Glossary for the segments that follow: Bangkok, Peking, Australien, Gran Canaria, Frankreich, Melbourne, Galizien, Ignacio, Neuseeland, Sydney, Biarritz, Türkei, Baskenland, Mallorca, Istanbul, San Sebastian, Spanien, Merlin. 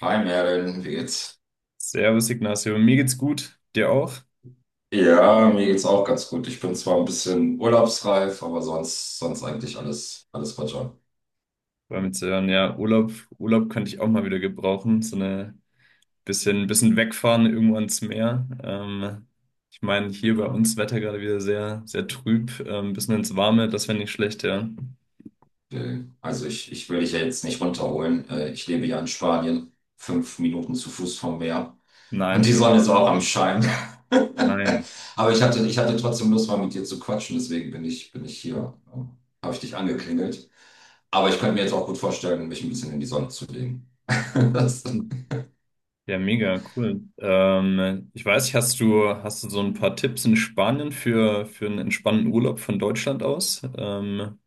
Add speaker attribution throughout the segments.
Speaker 1: Hi Merlin, wie geht's?
Speaker 2: Servus Ignacio, mir geht's gut, dir auch?
Speaker 1: Ja, mir geht's auch ganz gut. Ich bin zwar ein bisschen urlaubsreif, aber sonst eigentlich alles Roger.
Speaker 2: War mir zu hören, ja, Urlaub, Urlaub könnte ich auch mal wieder gebrauchen, so eine bisschen wegfahren irgendwo ans Meer. Ich meine, hier bei uns Wetter gerade wieder sehr, sehr trüb, bisschen ins Warme, das wäre nicht schlecht, ja.
Speaker 1: Also ich will dich ja jetzt nicht runterholen. Ich lebe ja in Spanien, 5 Minuten zu Fuß vom Meer. Und die
Speaker 2: Nein,
Speaker 1: Sonne ist auch am Schein.
Speaker 2: nein.
Speaker 1: Aber ich hatte trotzdem Lust, mal mit dir zu quatschen, deswegen bin ich hier. Habe ich dich angeklingelt. Aber ich könnte mir jetzt auch gut vorstellen, mich ein bisschen in die Sonne zu legen. Das
Speaker 2: Ja, mega, cool. Ich weiß nicht, hast du so ein paar Tipps in Spanien für einen entspannten Urlaub von Deutschland aus?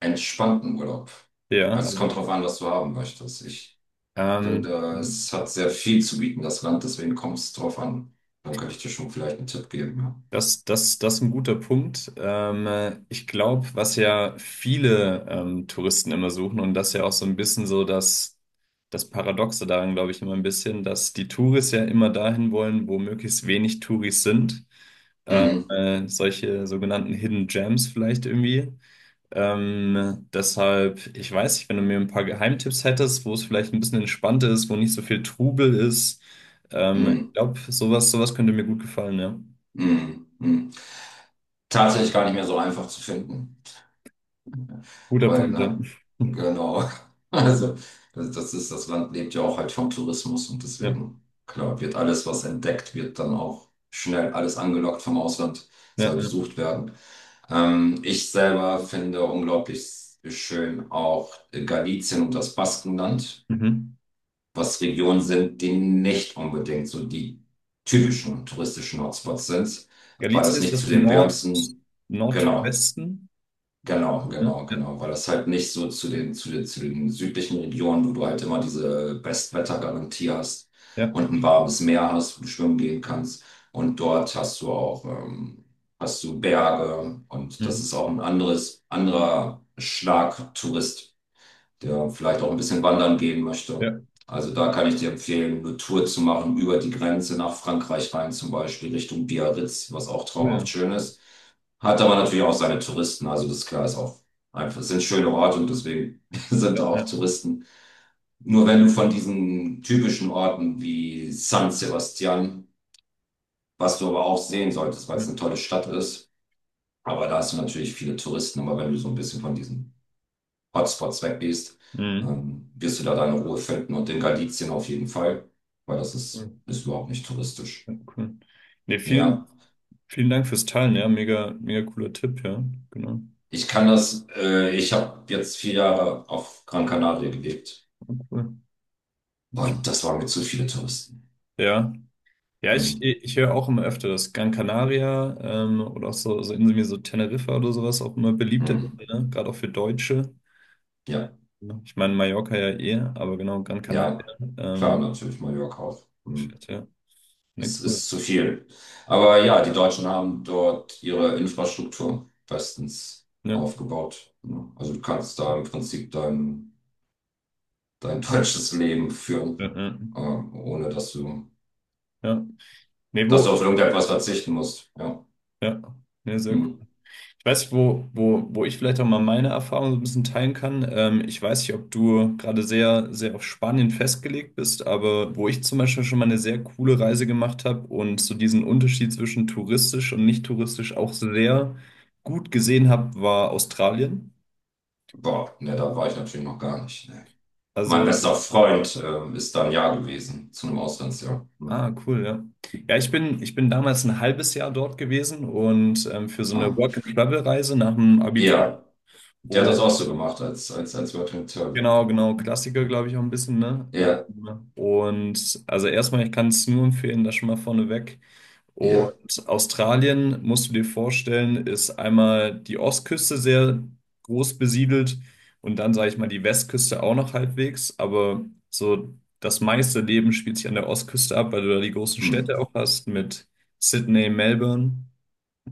Speaker 1: entspannten Urlaub.
Speaker 2: ja,
Speaker 1: Also es
Speaker 2: also,
Speaker 1: kommt drauf an, was du haben möchtest. Ich
Speaker 2: ähm,
Speaker 1: finde, es hat sehr viel zu bieten, das Land, deswegen kommt es drauf an. Dann könnte ich dir schon vielleicht einen Tipp geben. Ja.
Speaker 2: das ist ein guter Punkt. Ich glaube, was ja viele Touristen immer suchen, und das ist ja auch so ein bisschen so das Paradoxe daran, glaube ich, immer ein bisschen, dass die Touris ja immer dahin wollen, wo möglichst wenig Touris sind.
Speaker 1: Mhm.
Speaker 2: Solche sogenannten Hidden Gems vielleicht irgendwie. Deshalb, ich weiß nicht, wenn du mir ein paar Geheimtipps hättest, wo es vielleicht ein bisschen entspannter ist, wo nicht so viel Trubel ist. Ich
Speaker 1: Mhm.
Speaker 2: glaube, sowas könnte mir gut gefallen, ja.
Speaker 1: Mhm. Mhm. Tatsächlich gar nicht mehr so einfach zu finden,
Speaker 2: Guter
Speaker 1: weil,
Speaker 2: Punkt, ja.
Speaker 1: ne, genau. Also das ist, das Land lebt ja auch halt vom Tourismus und
Speaker 2: Ja,
Speaker 1: deswegen, klar, wird alles, was entdeckt, wird dann auch schnell alles angelockt vom Ausland,
Speaker 2: ja,
Speaker 1: soll
Speaker 2: ja.
Speaker 1: besucht werden. Ich selber finde unglaublich schön auch Galizien und das Baskenland,
Speaker 2: Mhm.
Speaker 1: was Regionen sind, die nicht unbedingt so die typischen touristischen Hotspots sind, weil
Speaker 2: Galicien
Speaker 1: das
Speaker 2: ist
Speaker 1: nicht zu
Speaker 2: das
Speaker 1: den
Speaker 2: Nord
Speaker 1: wärmsten, genau,
Speaker 2: Nordwesten.
Speaker 1: Genau,
Speaker 2: Ja,
Speaker 1: genau,
Speaker 2: ja,
Speaker 1: genau, weil das halt nicht so zu zu den südlichen Regionen, wo du halt immer diese Bestwettergarantie hast
Speaker 2: ja.
Speaker 1: und ein warmes Meer hast, wo du schwimmen gehen kannst. Und dort hast du auch, hast du Berge und das
Speaker 2: Mhm.
Speaker 1: ist auch ein anderer Schlag Tourist, der vielleicht auch ein bisschen wandern gehen möchte.
Speaker 2: Ja,
Speaker 1: Also da kann ich dir empfehlen, eine Tour zu machen über die Grenze nach Frankreich rein, zum Beispiel Richtung Biarritz, was auch
Speaker 2: cool.
Speaker 1: traumhaft schön ist. Hat aber natürlich auch seine Touristen, also das ist klar, ist auch einfach, sind schöne Orte und deswegen sind
Speaker 2: Ja,
Speaker 1: da
Speaker 2: ja.
Speaker 1: auch Touristen. Nur wenn du von diesen typischen Orten wie San Sebastian, was du aber auch sehen solltest, weil es
Speaker 2: Ja.
Speaker 1: eine tolle Stadt ist, aber da hast du natürlich viele Touristen, aber wenn du so ein bisschen von diesen Hotspots weggehst,
Speaker 2: Mhm.
Speaker 1: wirst du da deine Ruhe finden und in Galizien auf jeden Fall, weil das ist,
Speaker 2: Cool.
Speaker 1: ist überhaupt nicht touristisch.
Speaker 2: Ja, cool. Nee,
Speaker 1: Ja,
Speaker 2: vielen Dank fürs Teilen, ja. Mega, mega cooler Tipp, ja. Genau.
Speaker 1: ich kann das, ich habe jetzt 4 Jahre auf Gran Canaria gelebt
Speaker 2: Ja, cool.
Speaker 1: und das waren mir zu viele Touristen.
Speaker 2: Ja. Ja,
Speaker 1: Hm.
Speaker 2: ich höre auch immer öfter, dass Gran Canaria oder auch so Inseln wie so Teneriffa oder sowas auch immer beliebter
Speaker 1: Hm.
Speaker 2: werden, ne? Gerade auch für Deutsche.
Speaker 1: Ja,
Speaker 2: Ja. Ich meine, Mallorca ja eh, aber genau, Gran Canaria.
Speaker 1: ja, klar,
Speaker 2: Ähm,
Speaker 1: natürlich Mallorca auch. Hm.
Speaker 2: Shit, ja, ne,
Speaker 1: Es
Speaker 2: cool.
Speaker 1: ist zu viel. Aber ja, die Deutschen haben dort ihre Infrastruktur bestens
Speaker 2: Ja,
Speaker 1: aufgebaut, ne? Also du kannst da im Prinzip dein falsches Leben führen,
Speaker 2: ja, ja.
Speaker 1: ohne dass du,
Speaker 2: Ja. Nee,
Speaker 1: dass du
Speaker 2: wo,
Speaker 1: auf irgendetwas verzichten musst. Ja.
Speaker 2: ja, ne, sehr cool.
Speaker 1: Hm.
Speaker 2: Ich weiß nicht, wo ich vielleicht auch mal meine Erfahrung so ein bisschen teilen kann. Ich weiß nicht, ob du gerade sehr, sehr auf Spanien festgelegt bist, aber wo ich zum Beispiel schon mal eine sehr coole Reise gemacht habe und so diesen Unterschied zwischen touristisch und nicht touristisch auch sehr gut gesehen habe, war Australien.
Speaker 1: Boah, ne, da war ich natürlich noch gar nicht. Ne. Mein
Speaker 2: Also
Speaker 1: bester Freund ist da 1 Jahr gewesen, zu einem Auslandsjahr.
Speaker 2: Ah,
Speaker 1: Hm.
Speaker 2: cool, ja. Ja, ich bin damals ein halbes Jahr dort gewesen und für so eine
Speaker 1: Ah.
Speaker 2: Work-and-Travel-Reise nach dem Abitur.
Speaker 1: Ja, der hat das
Speaker 2: Oh,
Speaker 1: auch so gemacht, als wir den Turbo.
Speaker 2: genau,
Speaker 1: Hm.
Speaker 2: Klassiker, glaube ich, auch ein bisschen, ne?
Speaker 1: Ja,
Speaker 2: Also erstmal, ich kann es nur empfehlen, das schon mal vorneweg. Und
Speaker 1: ja,
Speaker 2: Australien, musst du dir vorstellen, ist einmal die Ostküste sehr groß besiedelt und dann, sage ich mal, die Westküste auch noch halbwegs. Aber so das meiste Leben spielt sich an der Ostküste ab, weil du da die großen Städte
Speaker 1: hm.
Speaker 2: auch hast mit Sydney, Melbourne.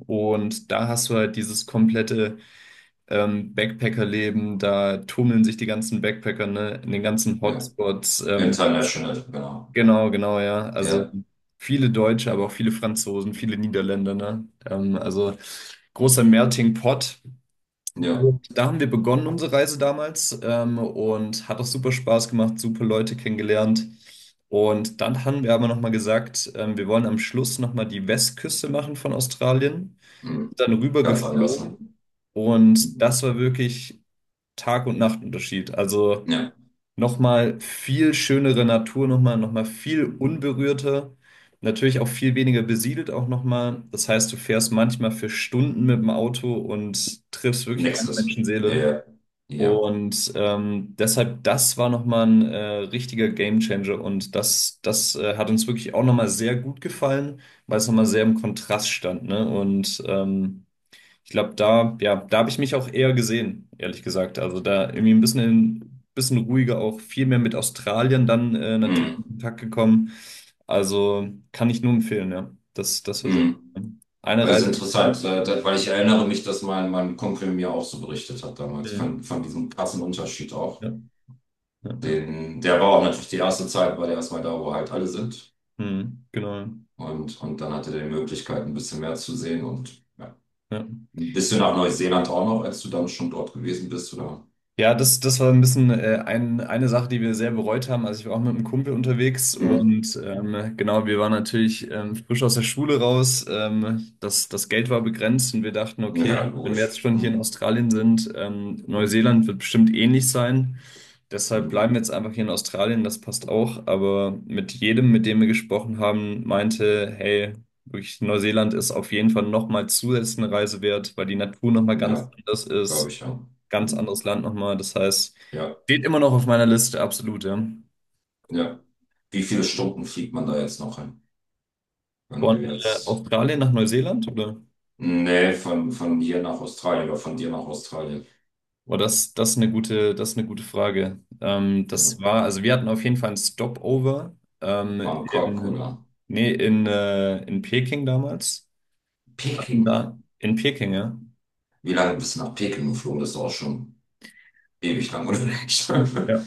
Speaker 2: Und da hast du halt dieses komplette Backpacker-Leben. Da tummeln sich die ganzen Backpacker, ne, in den ganzen
Speaker 1: Ja.
Speaker 2: Hotspots.
Speaker 1: International, genau. Ja,
Speaker 2: Genau, ja. Also
Speaker 1: ja,
Speaker 2: viele Deutsche, aber auch viele Franzosen, viele Niederländer, ne? Also großer Melting Pot.
Speaker 1: ja.
Speaker 2: Und da haben wir begonnen unsere Reise damals, und hat auch super Spaß gemacht, super Leute kennengelernt. Und dann haben wir aber nochmal gesagt, wir wollen am Schluss nochmal die Westküste machen von Australien,
Speaker 1: Hm.
Speaker 2: dann rüber
Speaker 1: Ganz anders. Ne?
Speaker 2: geflogen und
Speaker 1: Hm.
Speaker 2: das war wirklich Tag- und Nachtunterschied. Also
Speaker 1: Ja,
Speaker 2: nochmal viel schönere Natur, nochmal viel unberührter, natürlich auch viel weniger besiedelt auch nochmal. Das heißt, du fährst manchmal für Stunden mit dem Auto und triffst wirklich keine
Speaker 1: nächstes.
Speaker 2: Menschenseele.
Speaker 1: Ja, ja.
Speaker 2: Und deshalb, das war nochmal ein richtiger Gamechanger und das hat uns wirklich auch nochmal sehr gut gefallen, weil es nochmal sehr im Kontrast stand, ne? Und ich glaube, da, ja, da habe ich mich auch eher gesehen, ehrlich gesagt. Also da irgendwie ein bisschen, bisschen ruhiger auch viel mehr mit Australien dann natürlich in
Speaker 1: Hm.
Speaker 2: Kontakt gekommen. Also kann ich nur empfehlen, ja. Das war sehr
Speaker 1: Hm.
Speaker 2: cool. Eine
Speaker 1: Also
Speaker 2: Reise, die ich
Speaker 1: interessant, weil ich erinnere mich, dass mein Kumpel mir auch so berichtet hat damals,
Speaker 2: Mhm.
Speaker 1: von diesem krassen Unterschied auch.
Speaker 2: Ja, ja, ja.
Speaker 1: Den, der war auch natürlich die erste Zeit, weil er erstmal da, wo halt alle sind.
Speaker 2: Hm, genau,
Speaker 1: Und dann hatte er die Möglichkeit, ein bisschen mehr zu sehen und ja.
Speaker 2: ja.
Speaker 1: Ein bisschen nach Neuseeland auch noch, als du dann schon dort gewesen bist, oder?
Speaker 2: Ja, das war ein bisschen eine Sache, die wir sehr bereut haben. Also ich war auch mit einem Kumpel unterwegs
Speaker 1: Mhm.
Speaker 2: und genau, wir waren natürlich frisch aus der Schule raus. Das Geld war begrenzt und wir dachten,
Speaker 1: Ja,
Speaker 2: okay, wenn wir jetzt
Speaker 1: logisch.
Speaker 2: schon hier in
Speaker 1: Mhm.
Speaker 2: Australien sind, Neuseeland wird bestimmt ähnlich sein. Deshalb
Speaker 1: Mhm.
Speaker 2: bleiben wir jetzt einfach hier in Australien, das passt auch. Aber mit jedem, mit dem wir gesprochen haben, meinte, hey, wirklich, Neuseeland ist auf jeden Fall nochmal zusätzlich eine Reise wert, weil die Natur nochmal ganz
Speaker 1: Ja,
Speaker 2: anders
Speaker 1: glaube
Speaker 2: ist.
Speaker 1: ich, ja.
Speaker 2: Ganz
Speaker 1: Mhm.
Speaker 2: anderes Land nochmal. Das heißt,
Speaker 1: Ja,
Speaker 2: steht immer noch auf meiner Liste, absolut, ja.
Speaker 1: ja. Wie viele Stunden fliegt man da jetzt noch hin, wenn
Speaker 2: Von
Speaker 1: du jetzt.
Speaker 2: Australien nach Neuseeland, oder?
Speaker 1: Nee, von hier nach Australien oder von dir nach Australien.
Speaker 2: Boah, das ist eine gute Frage. Das
Speaker 1: Ja.
Speaker 2: war, also wir hatten auf jeden Fall ein Stopover ähm,
Speaker 1: Bangkok
Speaker 2: in,
Speaker 1: oder
Speaker 2: in Peking damals. Hatten
Speaker 1: Peking.
Speaker 2: da in Peking, ja.
Speaker 1: Wie lange bist du nach Peking geflogen? Das ist auch schon ewig lang unterwegs.
Speaker 2: Ja.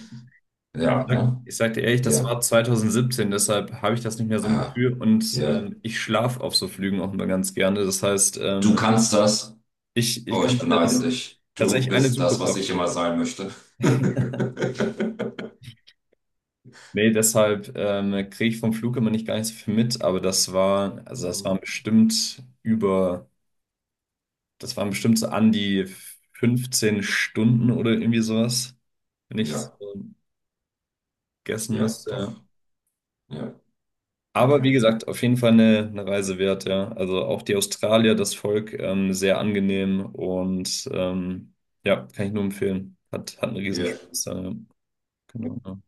Speaker 1: Ja, ne?
Speaker 2: Ich sag dir ehrlich, das
Speaker 1: Ja.
Speaker 2: war 2017, deshalb habe ich das nicht mehr so im
Speaker 1: Ah,
Speaker 2: Gefühl und
Speaker 1: ja.
Speaker 2: ich schlafe auf so Flügen auch immer ganz gerne. Das heißt,
Speaker 1: Du kannst das.
Speaker 2: ich
Speaker 1: Oh, ich
Speaker 2: kann
Speaker 1: beneide
Speaker 2: das
Speaker 1: dich. Du
Speaker 2: tatsächlich eine
Speaker 1: bist
Speaker 2: super
Speaker 1: das, was ich immer
Speaker 2: Klapstunde.
Speaker 1: sein möchte.
Speaker 2: Nee, deshalb kriege ich vom Flug immer nicht gar nicht so viel mit, aber das war, also das
Speaker 1: Hm.
Speaker 2: waren das waren bestimmt so an die 15 Stunden oder irgendwie sowas, wenn ich
Speaker 1: Ja,
Speaker 2: so guessen
Speaker 1: ja,
Speaker 2: müsste. Ja.
Speaker 1: doch. Ja,
Speaker 2: Aber wie
Speaker 1: okay.
Speaker 2: gesagt, auf jeden Fall eine Reise wert, ja. Also auch die Australier, das Volk, sehr angenehm und ja, kann ich nur empfehlen. Hat einen
Speaker 1: Ja.
Speaker 2: Riesenspaß, ja. Ja. Genau. Ja.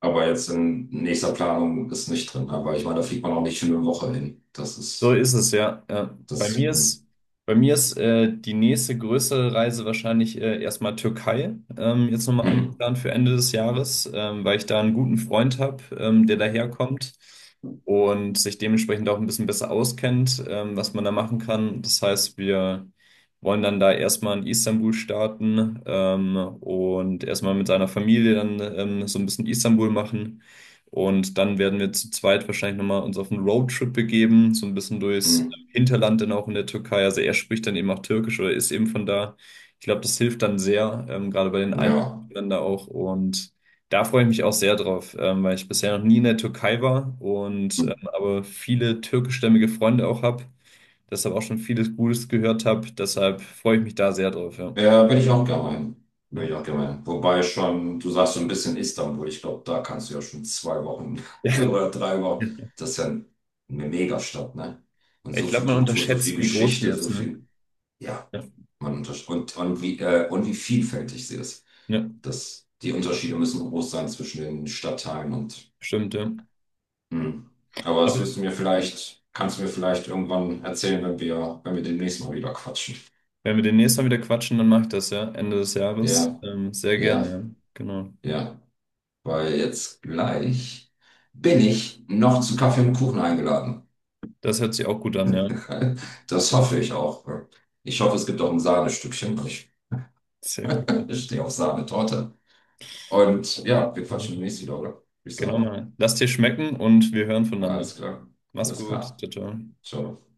Speaker 1: Aber jetzt in nächster Planung ist nicht drin. Aber ich meine, da fliegt man auch nicht für eine Woche hin. Das
Speaker 2: So
Speaker 1: ist,
Speaker 2: ist es, ja. Ja.
Speaker 1: das, hm.
Speaker 2: Bei mir ist die nächste größere Reise wahrscheinlich erstmal Türkei, jetzt nochmal
Speaker 1: Mhm.
Speaker 2: angeplant für Ende des Jahres, weil ich da einen guten Freund habe, der daherkommt und sich dementsprechend auch ein bisschen besser auskennt, was man da machen kann. Das heißt, wir wollen dann da erstmal in Istanbul starten, und erstmal mit seiner Familie dann so ein bisschen Istanbul machen. Und dann werden wir zu zweit wahrscheinlich nochmal uns auf einen Roadtrip begeben, so ein bisschen durchs
Speaker 1: Hm.
Speaker 2: Hinterland dann auch in der Türkei. Also er spricht dann eben auch Türkisch oder ist eben von da. Ich glaube, das hilft dann sehr, gerade bei den
Speaker 1: Ja.
Speaker 2: Einheimischen da auch. Und da freue ich mich auch sehr drauf, weil ich bisher noch nie in der Türkei war und aber viele türkischstämmige Freunde auch habe, deshalb auch schon vieles Gutes gehört habe. Deshalb freue ich mich da sehr drauf, ja.
Speaker 1: Ja, bin ich auch gemein. Bin ich auch gemein. Wobei schon, du sagst so ein bisschen Istanbul. Ich glaube, da kannst du ja schon 2 Wochen
Speaker 2: Ja.
Speaker 1: oder 3 Wochen. Das ist ja eine Megastadt, ne? Und
Speaker 2: Ich
Speaker 1: so
Speaker 2: glaube,
Speaker 1: viel
Speaker 2: man
Speaker 1: Kultur, so
Speaker 2: unterschätzt,
Speaker 1: viel
Speaker 2: wie groß die
Speaker 1: Geschichte,
Speaker 2: ist,
Speaker 1: so
Speaker 2: ne?
Speaker 1: viel. Ja,
Speaker 2: Ja,
Speaker 1: man untersch und wie vielfältig sie ist.
Speaker 2: ja,
Speaker 1: Das, die Unterschiede müssen groß sein zwischen den Stadtteilen und.
Speaker 2: stimmt, ja.
Speaker 1: Hm. Aber das
Speaker 2: Aber
Speaker 1: wirst du mir vielleicht, kannst du mir vielleicht irgendwann erzählen, wenn wenn wir demnächst mal wieder quatschen.
Speaker 2: Wenn wir demnächst mal wieder quatschen, dann mach ich das, ja. Ende des Jahres.
Speaker 1: Ja,
Speaker 2: Sehr gerne,
Speaker 1: ja,
Speaker 2: ja. Genau.
Speaker 1: ja. Weil jetzt gleich bin ich noch zu Kaffee und Kuchen eingeladen.
Speaker 2: Das hört sich auch gut an, ja.
Speaker 1: Das hoffe ich auch. Ich hoffe, es gibt auch ein Sahnestückchen, weil ich,
Speaker 2: Sehr gut.
Speaker 1: ich stehe auf Sahnetorte. Und ja, wir
Speaker 2: Ja.
Speaker 1: quatschen demnächst wieder, oder? Würde ich
Speaker 2: Genau
Speaker 1: sagen.
Speaker 2: mal. Lass dir schmecken und wir hören voneinander.
Speaker 1: Alles klar.
Speaker 2: Mach's
Speaker 1: Alles klar.
Speaker 2: gut. Ciao, ciao.
Speaker 1: Ciao.